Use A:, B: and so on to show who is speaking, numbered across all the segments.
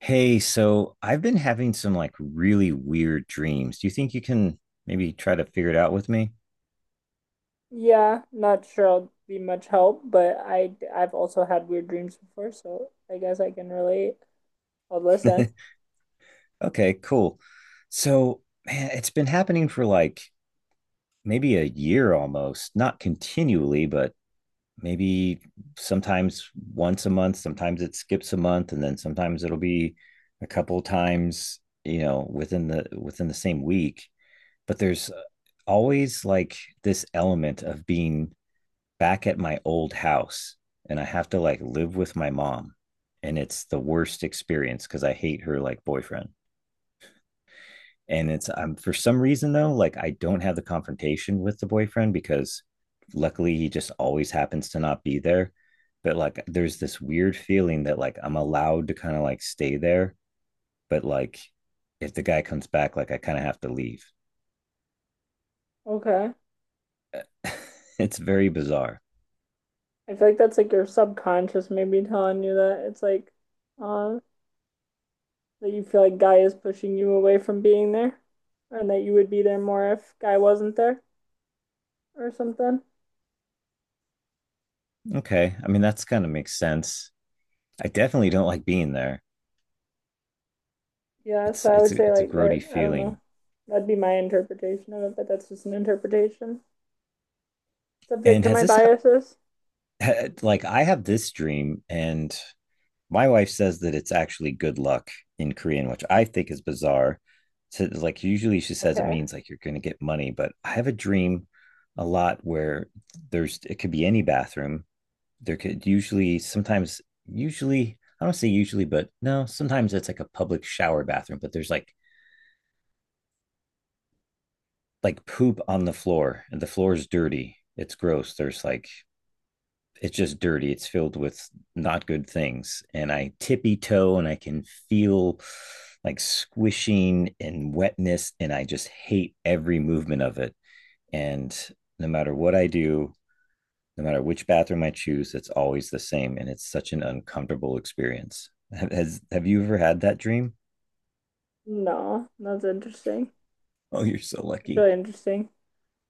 A: Hey, so I've been having some like really weird dreams. Do you think you can maybe try to figure it out with me?
B: Yeah, not sure I'll be much help, but I've also had weird dreams before, so I guess I can relate. I'll listen.
A: Okay, cool. So, man, it's been happening for like maybe a year almost, not continually, but maybe sometimes once a month, sometimes it skips a month, and then sometimes it'll be a couple times, you know, within the same week. But there's always like this element of being back at my old house and I have to like live with my mom. And it's the worst experience because I hate her like boyfriend. And it's for some reason though, like I don't have the confrontation with the boyfriend because luckily he just always happens to not be there. But like there's this weird feeling that like I'm allowed to kind of like stay there, but like if the guy comes back, like I kind of have to leave.
B: Okay.
A: It's very bizarre.
B: I feel like that's like your subconscious maybe telling you that it's like uh that you feel like Guy is pushing you away from being there, and that you would be there more if Guy wasn't there or something.
A: Okay. I mean, that's kind of makes sense. I definitely don't like being there.
B: Yeah,
A: It's
B: so I
A: it's
B: would
A: a-
B: say
A: it's a
B: like
A: grody
B: that, I don't
A: feeling.
B: know. That'd be my interpretation of it, but that's just an interpretation. Subject
A: And
B: to
A: has
B: my
A: this happened?
B: biases.
A: Like I have this dream, and my wife says that it's actually good luck in Korean, which I think is bizarre. So like usually she says it
B: Okay.
A: means like you're going to get money, but I have a dream a lot where there's it could be any bathroom. There could usually sometimes usually I don't say usually, but no, sometimes it's like a public shower bathroom, but there's like poop on the floor and the floor is dirty. It's gross. There's like it's just dirty. It's filled with not good things. And I tippy toe and I can feel like squishing and wetness. And I just hate every movement of it. And no matter what I do, no matter which bathroom I choose, it's always the same. And it's such an uncomfortable experience. Has, have you ever had that dream?
B: No, that's interesting.
A: Oh, you're so
B: It's
A: lucky.
B: really interesting.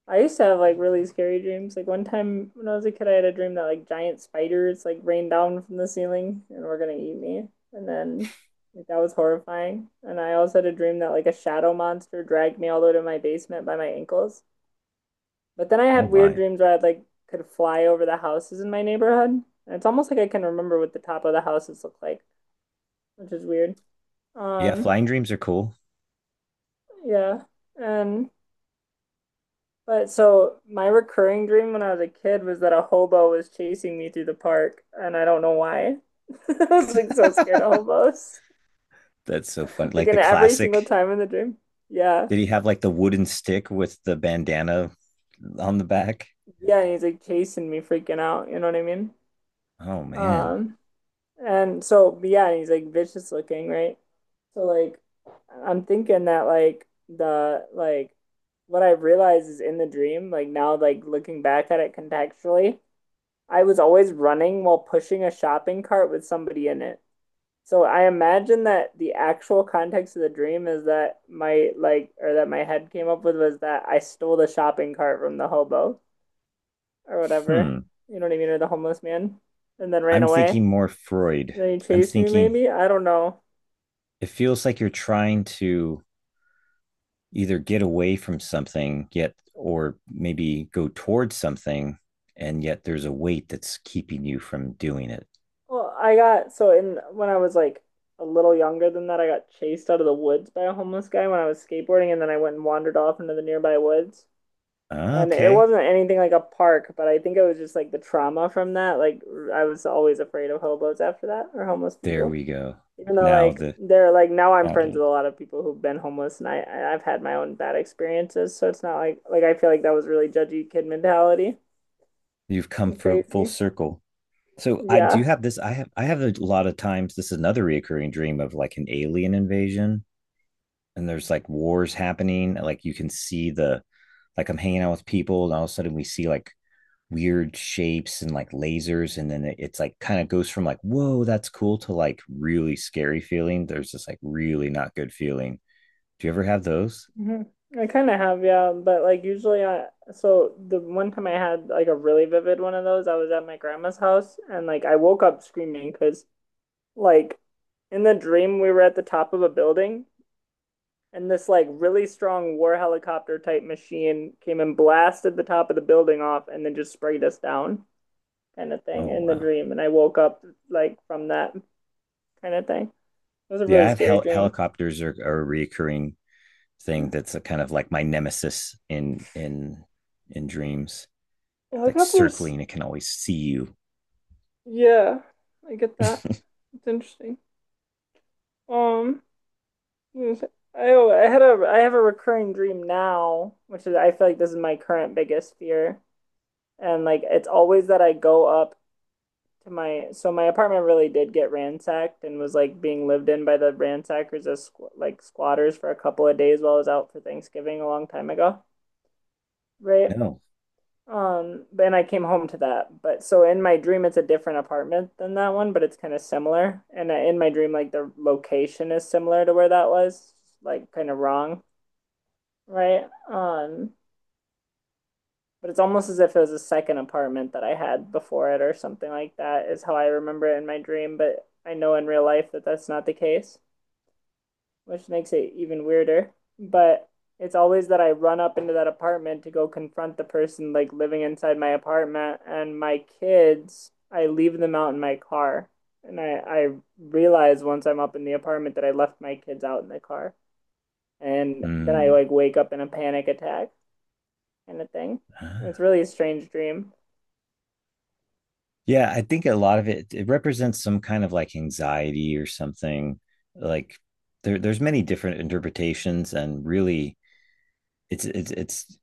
B: I used to have like really scary dreams. Like one time when I was a kid, I had a dream that like giant spiders like rained down from the ceiling and were gonna eat me. And then like that was horrifying. And I also had a dream that like a shadow monster dragged me all the way to my basement by my ankles. But then I
A: Oh,
B: had weird
A: my.
B: dreams where I like could fly over the houses in my neighborhood. And it's almost like I can remember what the top of the houses look like, which is weird.
A: Yeah,
B: Um,
A: flying dreams are cool.
B: yeah. And But so my recurring dream when I was a kid was that a hobo was chasing me through the park, and I don't know why. I was like so scared of hobos.
A: That's so fun.
B: Like
A: Like the
B: in every
A: classic.
B: single time in the dream. Yeah.
A: Did he have like the wooden stick with the bandana on the back?
B: Yeah, and he's like chasing me, freaking out, you know what I mean?
A: Oh man.
B: Um, and so but yeah, and he's like vicious looking, right? So like I'm thinking that like what I realized is in the dream, like now like looking back at it contextually, I was always running while pushing a shopping cart with somebody in it. So I imagine that the actual context of the dream is that my like, or that my head came up with, was that I stole the shopping cart from the hobo or whatever.
A: Hmm.
B: You know what I mean, or the homeless man, and then ran
A: I'm
B: away.
A: thinking more Freud.
B: And then he
A: I'm
B: chased me,
A: thinking
B: maybe. I don't know.
A: it feels like you're trying to either get away from something yet or maybe go towards something and yet there's a weight that's keeping you from doing it.
B: Well, I got so in when I was like a little younger than that, I got chased out of the woods by a homeless guy when I was skateboarding, and then I went and wandered off into the nearby woods. And it
A: Okay.
B: wasn't anything like a park, but I think it was just like the trauma from that. Like I was always afraid of hobos after that, or homeless
A: There
B: people.
A: we go.
B: Even though
A: Now
B: like
A: the.
B: they're like now I'm
A: Found
B: friends with
A: it.
B: a lot of people who've been homeless, and have had my own bad experiences, so it's not like like I feel like that was really judgy kid mentality
A: You've come
B: and
A: for full
B: crazy.
A: circle. So I do
B: Yeah.
A: have this. I have a lot of times. This is another reoccurring dream of like an alien invasion, and there's like wars happening. Like you can see the like I'm hanging out with people, and all of a sudden we see like weird shapes and like lasers, and then it's like kind of goes from like whoa that's cool to like really scary feeling. There's this like really not good feeling. Do you ever have those?
B: hmm I kind of have, yeah, but like usually I, so the one time I had like a really vivid one of those, I was at my grandma's house and like I woke up screaming because, like, in the dream, we were at the top of a building, and this like really strong war helicopter type machine came and blasted the top of the building off, and then just sprayed us down, kind of thing.
A: Oh
B: In the
A: wow,
B: dream, and I woke up like from that kind of thing. It was a
A: yeah.
B: really
A: I have
B: scary dream.
A: helicopters are a reoccurring thing that's a kind of like my nemesis in dreams. Like
B: Helicopters,
A: circling, it can always see you.
B: yeah, I get that. It's interesting. Um, I I had a, I have a recurring dream now, which is I feel like this is my current biggest fear, and like it's always that I go up to my, so my apartment really did get ransacked and was like being lived in by the ransackers as like squatters for a couple of days while I was out for Thanksgiving a long time ago, right?
A: No.
B: And I came home to that. But so in my dream, it's a different apartment than that one, but it's kind of similar. And in my dream, like the location is similar to where that was, like kind of wrong, right? But it's almost as if it was a second apartment that I had before it or something like that is how I remember it in my dream, but I know in real life that that's not the case, which makes it even weirder. But it's always that I run up into that apartment to go confront the person like living inside my apartment, and my kids, I leave them out in my car. And I realize once I'm up in the apartment that I left my kids out in the car. And then I
A: Hmm.
B: like wake up in a panic attack kind of thing. And it's
A: Ah.
B: really a strange dream.
A: Yeah, I think a lot of it it represents some kind of like anxiety or something. Like there, there's many different interpretations, and really, it's it's it's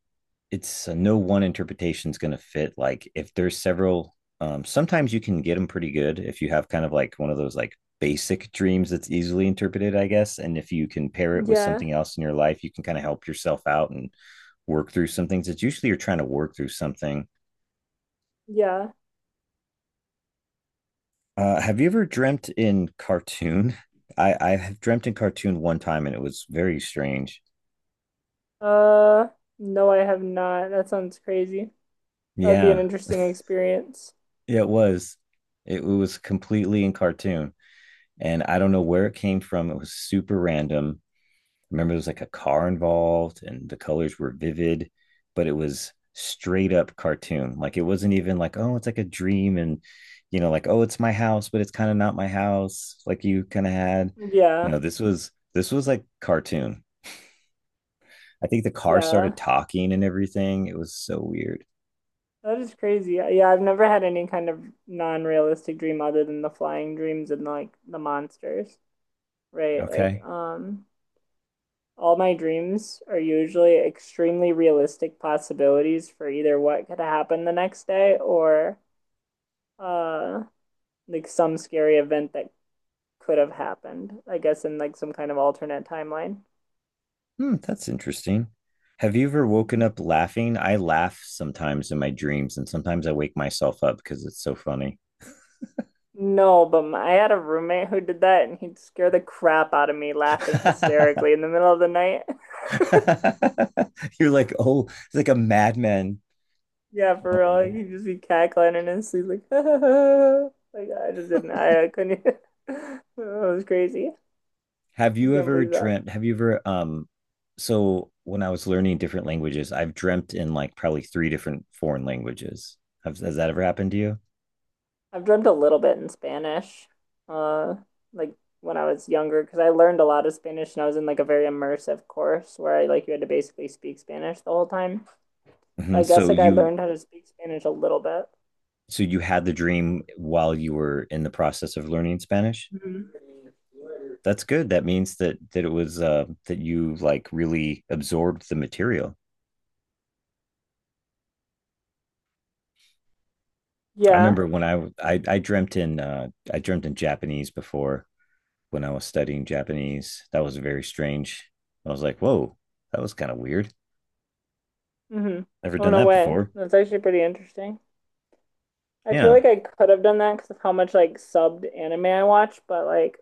A: it's no one interpretation is going to fit. Like if there's several, sometimes you can get them pretty good if you have kind of like one of those like basic dreams that's easily interpreted, I guess. And if you can pair it with
B: Yeah.
A: something else in your life, you can kind of help yourself out and work through some things. It's usually you're trying to work through something.
B: Yeah.
A: Have you ever dreamt in cartoon? I have dreamt in cartoon one time and it was very strange.
B: Uh, no, I have not. That sounds crazy. That'd be an
A: Yeah,
B: interesting experience.
A: yeah, it was. It was completely in cartoon. And I don't know where it came from. It was super random remember there was like a car involved and the colors were vivid, but it was straight up cartoon. Like it wasn't even like, oh, it's like a dream and you know, like, oh, it's my house, but it's kind of not my house, like you kind of had. You know,
B: Yeah.
A: this was like cartoon. I think the car started
B: Yeah.
A: talking and everything. It was so weird.
B: That is crazy. Yeah, I've never had any kind of non-realistic dream other than the flying dreams and like the monsters, right? Like,
A: Okay.
B: all my dreams are usually extremely realistic possibilities for either what could happen the next day, or uh like some scary event that could have happened, I guess, in like some kind of alternate timeline.
A: Hmm, that's interesting. Have you ever woken up laughing? I laugh sometimes in my dreams, and sometimes I wake myself up because it's so funny.
B: No, but my, I had a roommate who did that and he'd scare the crap out of me laughing hysterically in the middle of the night.
A: You're like, oh, it's like a madman.
B: Yeah, for
A: Oh
B: real. Like,
A: man.
B: he'd just be cackling and his sleep like, like I just didn't I couldn't even it was crazy.
A: Have
B: I
A: you
B: can't
A: ever
B: believe that.
A: dreamt? Have you ever, so when I was learning different languages, I've dreamt in like probably three different foreign languages. Have, has that ever happened to you?
B: I've dreamt a little bit in Spanish. Uh like when I was younger because I learned a lot of Spanish and I was in like a very immersive course where I like you had to basically speak Spanish the whole time. So
A: Hmm.
B: I guess like I learned how to speak Spanish a little bit.
A: So you had the dream while you were in the process of learning Spanish?
B: Mhm.
A: That's good. That means that it was that you like really absorbed the material. I
B: Yeah.
A: remember when I dreamt in I dreamt in Japanese before. When I was studying Japanese. That was very strange. I was like, whoa, that was kind of weird.
B: Mm-hmm.
A: Never
B: Oh,
A: done
B: no
A: that
B: way.
A: before.
B: That's actually pretty interesting. I feel
A: Yeah.
B: like I could have done that because of how much like subbed anime I watch, but like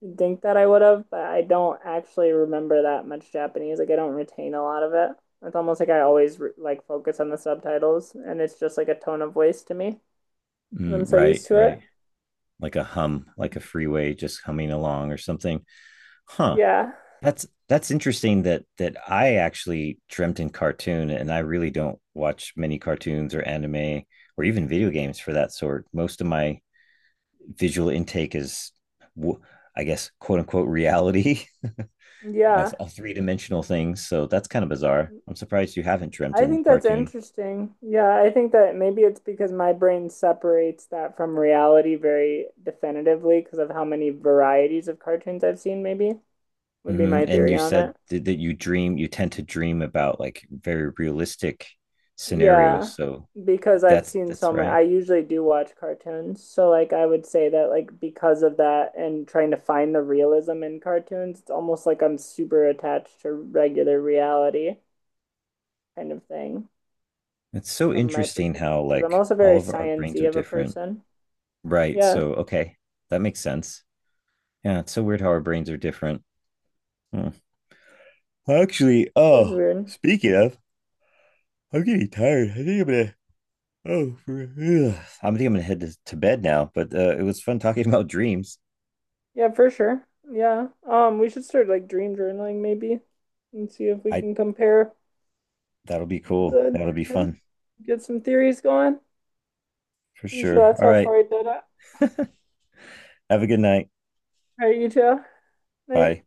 B: you'd think that I would have, but I don't actually remember that much Japanese. Like I don't retain a lot of it. It's almost like I always re like focus on the subtitles, and it's just like a tone of voice to me because
A: Mm,
B: I'm so
A: right,
B: used to
A: right.
B: it.
A: Like a hum, like
B: Mhm.
A: a freeway just humming along or something. Huh.
B: Yeah,
A: That's interesting that I actually dreamt in cartoon and I really don't watch many cartoons or anime or even video games for that sort. Most of my visual intake is I guess quote unquote reality. a,
B: yeah.
A: a three dimensional thing. So that's kind of bizarre. I'm surprised you haven't dreamt
B: I
A: in
B: think that's
A: cartoon.
B: interesting. Yeah, I think that maybe it's because my brain separates that from reality very definitively because of how many varieties of cartoons I've seen, maybe would be
A: Mhm.
B: my
A: And
B: theory
A: you
B: on
A: said
B: it.
A: that you dream, you tend to dream about like very realistic scenarios.
B: Yeah,
A: So
B: because I've
A: that's
B: seen
A: that's
B: so many,
A: right.
B: I usually do watch cartoons. So, like, I would say that, like, because of that and trying to find the realism in cartoons, it's almost like I'm super attached to regular reality kind of thing
A: It's so
B: from my
A: interesting
B: perspective.
A: how
B: Because I'm
A: like
B: also
A: all
B: very
A: of our brains are
B: sciencey of a
A: different.
B: person.
A: Right.
B: Yeah.
A: So okay, that makes sense. Yeah, it's so weird how our brains are different. Hmm. Actually,
B: It is
A: oh,
B: weird.
A: speaking of, I'm getting tired. I think I'm gonna. Oh, for. I'm thinking I'm gonna head to bed now, but it was fun talking about dreams.
B: Yeah, for sure. Yeah. We should start like dream journaling maybe and see if we
A: I
B: can compare
A: that'll be cool.
B: the
A: That'll be
B: dreams.
A: fun
B: Get some theories going.
A: for
B: Pretty sure
A: sure.
B: that's
A: All
B: how
A: right.
B: Freud did it. All
A: Have a good night.
B: right, you too. Night.
A: Bye.